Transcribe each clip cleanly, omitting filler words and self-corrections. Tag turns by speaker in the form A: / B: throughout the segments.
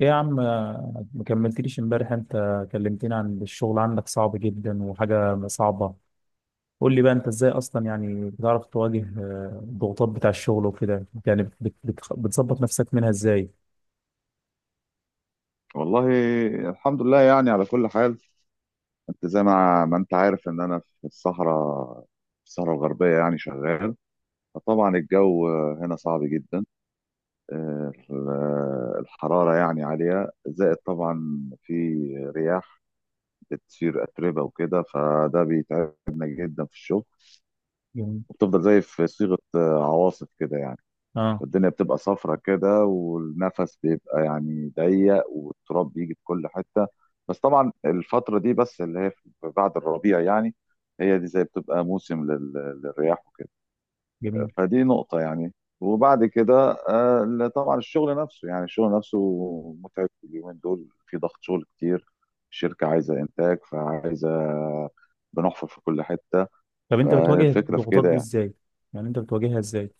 A: ايه يا عم ما كملتليش امبارح. انت كلمتني عن الشغل عندك صعب جدا وحاجة صعبة. قول لي بقى انت ازاي اصلا، يعني بتعرف تواجه الضغوطات بتاع الشغل وكده، يعني بتظبط نفسك منها ازاي؟
B: والله، الحمد لله يعني على كل حال. انت زي ما انت عارف ان انا في الصحراء الغربية يعني شغال. فطبعا الجو هنا صعب جدا، آه، الحرارة يعني عالية، زائد طبعا في رياح بتصير أتربة وكده، فده بيتعبنا جدا في الشغل.
A: جميل.
B: وبتفضل زي في صيغة عواصف كده يعني،
A: اه.
B: الدنيا بتبقى صفرة كده، والنفس بيبقى يعني ضيق، والتراب بيجي في كل حتة. بس طبعا الفترة دي بس اللي هي بعد الربيع يعني، هي دي زي بتبقى موسم للرياح وكده.
A: جميل.
B: فدي نقطة يعني. وبعد كده لا، طبعا الشغل نفسه، يعني الشغل نفسه متعب. اليومين دول في ضغط شغل كتير، الشركة عايزة إنتاج، فعايزة بنحفر في كل حتة.
A: طب انت بتواجه
B: فالفكرة في
A: الضغوطات
B: كده
A: دي
B: يعني
A: ازاي؟ يعني انت بتواجهها ازاي؟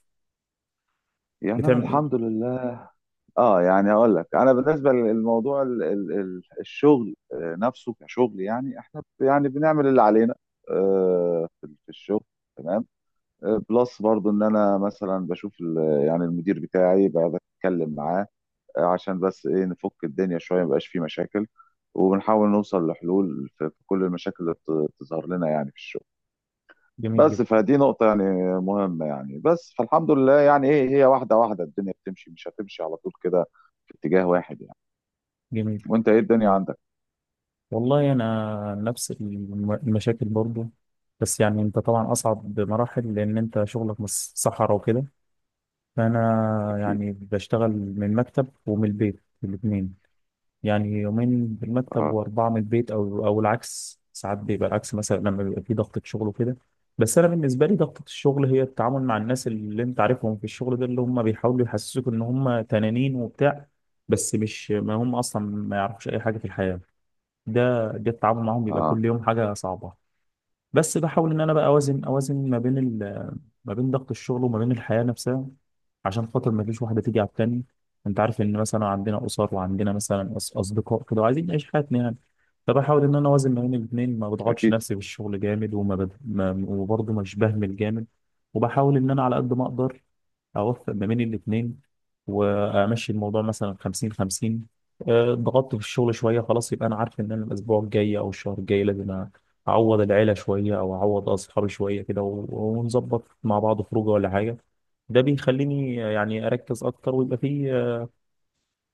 B: يعني أنا
A: بتعمل ايه؟
B: الحمد لله. اه يعني هقول لك انا بالنسبه للموضوع الشغل نفسه كشغل، يعني احنا يعني بنعمل اللي علينا. في الشغل تمام. بلس برضو ان انا مثلا بشوف يعني المدير بتاعي بقى، بتكلم معاه عشان بس ايه نفك الدنيا شويه، مبقاش فيه مشاكل، وبنحاول نوصل لحلول في كل المشاكل اللي بتظهر لنا يعني في الشغل.
A: جميل
B: بس
A: جدا.
B: فدي نقطة يعني مهمة، يعني بس فالحمد لله، يعني ايه، هي واحدة واحدة الدنيا بتمشي، مش هتمشي على طول كده في اتجاه واحد يعني.
A: جميل.
B: وانت ايه الدنيا عندك؟
A: والله انا نفس المشاكل برضو، بس يعني انت طبعا اصعب بمراحل لان انت شغلك مش صحراء وكده. فأنا
B: اكيد.
A: يعني بشتغل من المكتب ومن البيت الاتنين، يعني يومين في المكتب
B: اه،
A: وأربعة من البيت، أو العكس ساعات بيبقى العكس، مثلا لما بيبقى في ضغطة شغل وكده. بس أنا بالنسبة لي ضغطة الشغل هي التعامل مع الناس اللي أنت عارفهم في الشغل ده، اللي هم بيحاولوا يحسسوك إن هم تنانين وبتاع، بس مش ما هم أصلا ما يعرفوش أي حاجة في الحياة. ده التعامل معاهم بيبقى
B: اه،
A: كل يوم حاجة صعبة. بس بحاول ان انا بقى اوازن ما بين ما بين ضغط الشغل وما بين الحياه نفسها، عشان خاطر ما فيش واحده تيجي على التاني. انت عارف ان مثلا عندنا اسر وعندنا مثلا اصدقاء كده وعايزين نعيش حياتنا يعني. فبحاول ان انا اوازن ما بين الاثنين، ما بضغطش
B: اكيد.
A: نفسي بالشغل جامد وما بد... ما... وبرضه مش بهمل جامد. وبحاول ان انا على قد ما اقدر اوفق ما بين الاثنين، وامشي الموضوع مثلا 50 50. ضغطت في الشغل شويه، خلاص يبقى انا عارف ان انا الاسبوع الجاي او الشهر الجاي لازم اعوض العيله شويه او اعوض اصحابي شويه كده ونظبط مع بعض خروجه ولا حاجه. ده بيخليني يعني اركز اكتر، ويبقى في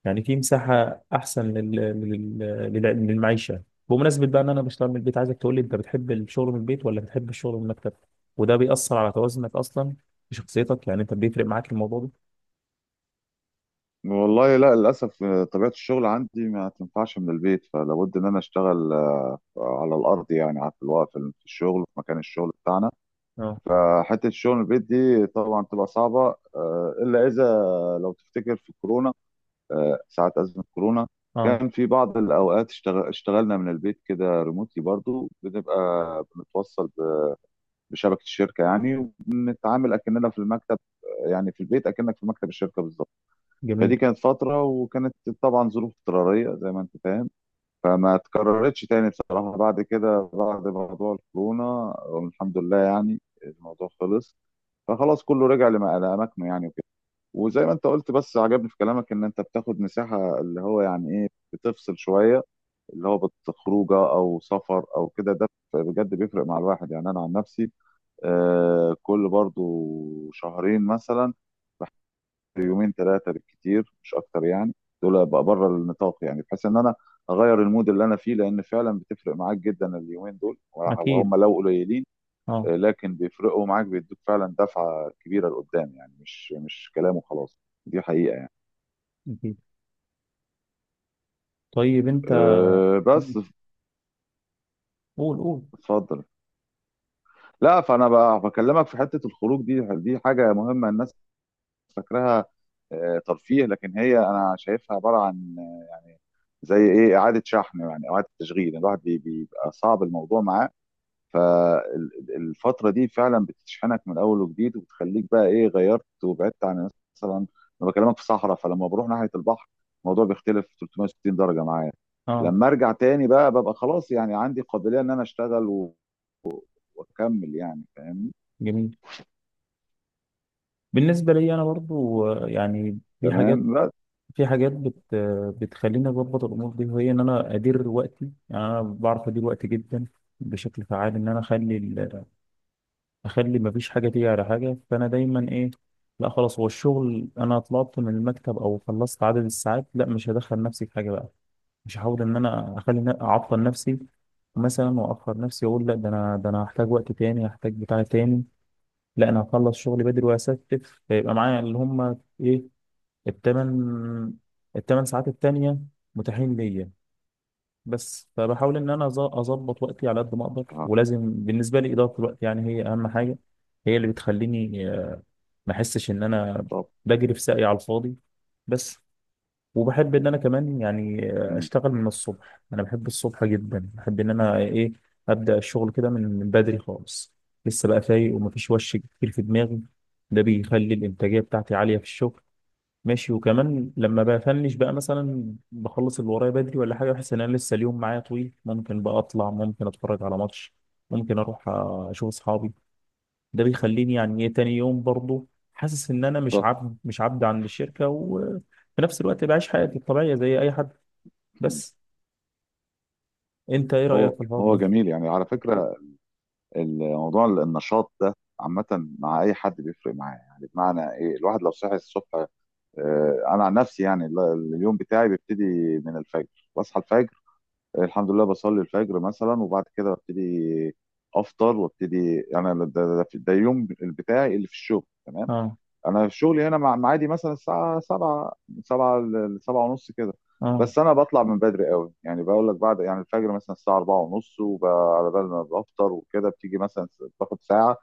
A: يعني في مساحه احسن لل... للمعيشه. بمناسبه بقى ان انا بشتغل من البيت، عايزك تقول لي انت بتحب الشغل من البيت ولا بتحب الشغل من المكتب؟ وده بيأثر على توازنك اصلا في شخصيتك؟ يعني انت بيفرق معاك الموضوع ده؟
B: والله لا، للاسف طبيعه الشغل عندي ما تنفعش من البيت، فلابد ان انا اشتغل على الارض، يعني في الوقت في الشغل في مكان الشغل بتاعنا.
A: اه.
B: فحته الشغل من البيت دي طبعا تبقى صعبه، الا اذا لو تفتكر في كورونا، ساعه ازمه كورونا
A: اه.
B: كان في بعض الاوقات اشتغلنا من البيت كده ريموتلي، برضو بنبقى بنتوصل بشبكه الشركه يعني، وبنتعامل اكننا في المكتب، يعني في البيت اكنك في مكتب الشركه بالظبط.
A: جميل.
B: فدي كانت فتره، وكانت طبعا ظروف اضطراريه زي ما انت فاهم، فما اتكررتش تاني بصراحه بعد كده، بعد موضوع الكورونا الحمد لله يعني الموضوع خلص، فخلاص كله رجع لاماكنه يعني وكده. وزي ما انت قلت، بس عجبني في كلامك ان انت بتاخد مساحه، اللي هو يعني ايه، بتفصل شويه، اللي هو بتخرجه او سفر او كده، ده بجد بيفرق مع الواحد يعني. انا عن نفسي كل برضو شهرين مثلا يومين ثلاثة بالكتير، مش أكتر يعني، دول بقى بره النطاق، يعني بحيث إن أنا أغير المود اللي أنا فيه، لأن فعلا بتفرق معاك جدا اليومين دول
A: اكيد.
B: وهم لو قليلين،
A: اه.
B: لكن بيفرقوا معاك، بيدوك فعلا دفعة كبيرة لقدام، يعني مش كلام وخلاص، دي حقيقة يعني.
A: اكيد. طيب انت.
B: أه بس
A: ماشي. قول قول.
B: اتفضل. لا، فأنا بقى بكلمك في حتة الخروج دي، دي حاجة مهمة. الناس فاكراها ترفيه، لكن هي انا شايفها عباره عن زي ايه، اعاده شحن يعني، اعاده تشغيل، يعني الواحد بيبقى صعب الموضوع معاه. فالفتره دي فعلا بتشحنك من اول وجديد، وبتخليك بقى ايه، غيرت وبعدت عن. مثلا انا بكلمك في صحراء، فلما بروح ناحيه البحر الموضوع بيختلف 360 درجه معايا.
A: اه.
B: لما ارجع تاني بقى ببقى خلاص، يعني عندي قابليه ان انا اشتغل واكمل يعني. فاهمني.
A: جميل. بالنسبه لي انا برضو يعني في
B: تمام.
A: حاجات،
B: بس
A: في حاجات بت آه، بتخليني اظبط الامور دي، وهي ان انا ادير وقتي، يعني انا بعرف ادير وقتي جدا بشكل فعال، ان انا اخلي اخلي ما فيش حاجه تيجي على حاجه. فانا دايما ايه، لا خلاص هو الشغل انا طلعت من المكتب او خلصت عدد الساعات، لا مش هدخل نفسي في حاجه بقى، مش هحاول ان انا اخلي اعطل نفسي مثلا واخر نفسي، اقول لا ده انا ده انا هحتاج وقت تاني هحتاج بتاع تاني، لا انا هخلص شغلي بدري واستف، فيبقى معايا اللي هم ايه، التمن التمن ساعات التانية متاحين ليا. بس فبحاول ان انا اظبط وقتي على قد ما اقدر،
B: آه،
A: ولازم بالنسبه لي اداره الوقت يعني هي اهم حاجه، هي اللي بتخليني ما احسش ان انا
B: طب.
A: بجري في ساقي على الفاضي بس. وبحب ان انا كمان يعني
B: مم.
A: اشتغل من الصبح، انا بحب الصبح جدا، بحب ان انا ايه، ابدا الشغل كده من بدري خالص، لسه بقى فايق ومفيش وش كتير في دماغي. ده بيخلي الانتاجيه بتاعتي عاليه في الشغل. ماشي، وكمان لما بفنش بقى مثلا بخلص اللي ورايا بدري ولا حاجه، بحس ان انا لسه اليوم معايا طويل، ممكن بقى اطلع، ممكن اتفرج على ماتش، ممكن اروح اشوف اصحابي. ده بيخليني يعني ايه تاني يوم برضه حاسس ان انا
B: طب.
A: مش عبد عند الشركه، وفي نفس الوقت بعيش حياتي الطبيعيه زي اي حد
B: مم.
A: بس. انت ايه رايك
B: هو
A: في الحوار
B: هو
A: ده؟
B: جميل يعني على فكره، الموضوع النشاط ده عامة مع أي حد بيفرق معاه، يعني بمعنى إيه، الواحد لو صحي الصبح، أنا عن نفسي يعني، اليوم بتاعي بيبتدي من الفجر، بصحى الفجر الحمد لله، بصلي الفجر مثلا، وبعد كده ببتدي أفطر وابتدي، يعني ده يوم بتاعي اللي في الشغل تمام.
A: اه.
B: انا في شغلي هنا، مع معادي مثلا الساعه 7، 7 ل 7 ونص كده.
A: اه.
B: بس انا بطلع من بدري قوي، يعني بقول لك بعد يعني الفجر مثلا الساعه 4 ونص، وعلى بال ما بفطر وكده، بتيجي مثلا باخد ساعه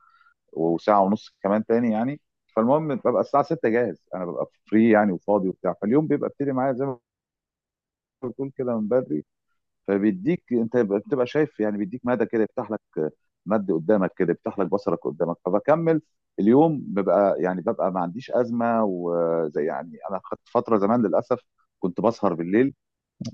B: وساعه ونص كمان تاني يعني. فالمهم ببقى الساعه 6 جاهز، انا ببقى فري يعني وفاضي وبتاع، فاليوم بيبقى ابتدي معايا زي ما بتقول كده من بدري. فبيديك، انت بتبقى شايف يعني، بيديك مدى كده يفتح لك، مد قدامك كده يفتح لك بصرك قدامك، فبكمل اليوم، ببقى يعني ببقى ما عنديش ازمه. وزي يعني انا خدت فتره زمان للاسف كنت بسهر بالليل،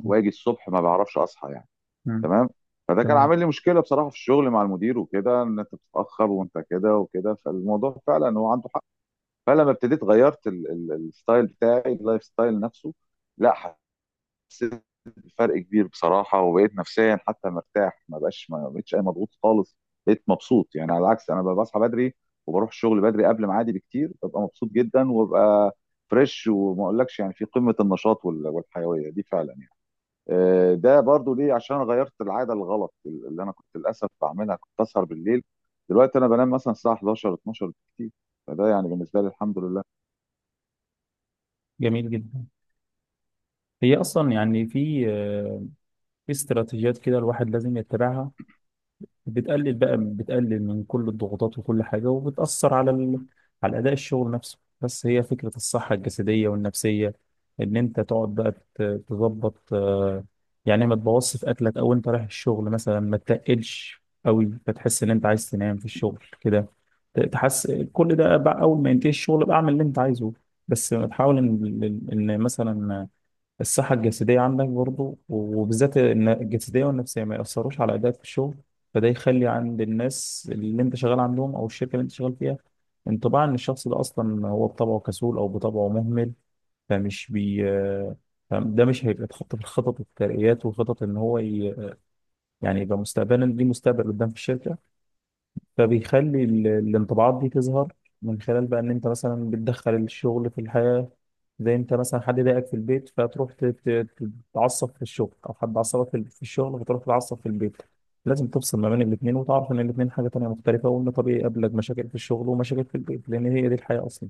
B: واجي الصبح ما بعرفش اصحى يعني.
A: مم.
B: تمام. فده كان
A: تمام.
B: عامل لي مشكله بصراحه في الشغل مع المدير وكده، ان انت بتتاخر وانت كده وكده، فالموضوع فعلا هو عنده حق. فلما ابتديت غيرت الستايل بتاعي، اللايف ستايل نفسه. لا، حسيت بفرق كبير بصراحه، وبقيت نفسيا حتى مرتاح، ما بقتش اي مضغوط خالص. بقيت مبسوط يعني، على العكس انا بصحى بدري، وبروح الشغل بدري قبل ميعادي بكتير، ببقى مبسوط جدا، وببقى فريش، وما اقولكش يعني في قمه النشاط والحيويه دي فعلا يعني. ده برضو ليه عشان أنا غيرت العاده الغلط اللي انا كنت للاسف بعملها، كنت اسهر بالليل، دلوقتي انا بنام مثلا الساعه 11، 12 بالكتير. فده يعني بالنسبه لي الحمد لله.
A: جميل جدا. هي اصلا يعني في في استراتيجيات كده الواحد لازم يتبعها، بتقلل بقى، بتقلل من كل الضغوطات وكل حاجة، وبتأثر على على أداء الشغل نفسه. بس هي فكرة الصحة الجسدية والنفسية، إن أنت تقعد بقى تظبط يعني ما تبوظش في أكلك، أو أنت رايح الشغل مثلا ما تتقلش قوي فتحس إن أنت عايز تنام في الشغل كده. تحس كل ده بقى أول ما ينتهي الشغل بقى أعمل اللي أنت عايزه، بس تحاول إن مثلا الصحة الجسدية عندك برضو، وبالذات إن الجسدية والنفسية ما يأثروش على أدائك في الشغل. فده يخلي عند الناس اللي أنت شغال عندهم أو الشركة اللي أنت شغال فيها انطباع إن الشخص ده أصلا هو بطبعه كسول أو بطبعه مهمل. فمش بي، ده مش هيبقى اتحط في الخطط والترقيات، وخطط إن هو يعني يبقى مستقبلا ليه مستقبل قدام في الشركة. فبيخلي الانطباعات دي تظهر من خلال بقى ان انت مثلا بتدخل الشغل في الحياة، زي انت مثلا حد ضايقك في البيت فتروح تتعصب في الشغل، او حد عصبك في الشغل فتروح تتعصب في البيت. لازم تفصل ما بين الاثنين، وتعرف ان الاثنين حاجة تانية مختلفة، وان طبيعي يقابلك مشاكل في الشغل ومشاكل في البيت، لان هي دي الحياة اصلا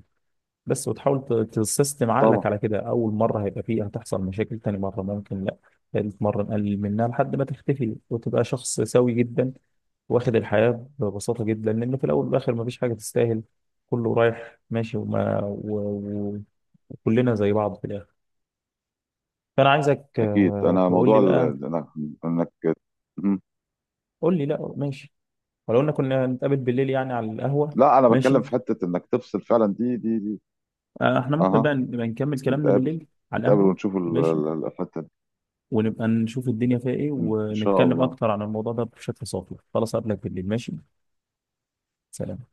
A: بس. وتحاول تسيستم عقلك
B: طبعا.
A: على كده، اول مره هيبقى فيه هتحصل مشاكل، تاني مره ممكن لا، ثالث مره نقلل منها لحد ما تختفي، وتبقى شخص سوي جدا، واخد الحياه ببساطه جدا، لان في الاول والاخر مفيش حاجه تستاهل، كله رايح ماشي وكلنا زي بعض في الاخر. فانا عايزك
B: اكيد. انا
A: تقول
B: موضوع
A: لي بقى.
B: انك. إمم.
A: قول لي. لا ماشي، ولو ان كنا نتقابل بالليل يعني على القهوه.
B: لا، انا بتكلم
A: ماشي.
B: في حته انك تفصل فعلا، دي.
A: احنا ممكن
B: اها،
A: بقى نبقى نكمل كلامنا
B: نتقابل
A: بالليل على
B: نتقابل
A: القهوه.
B: ونشوف
A: ماشي،
B: الحته دي.
A: ونبقى نشوف الدنيا فيها ايه،
B: ان شاء
A: ونتكلم
B: الله.
A: اكتر عن الموضوع ده بشكل صافي خلاص. قبلك بالليل. ماشي. سلام.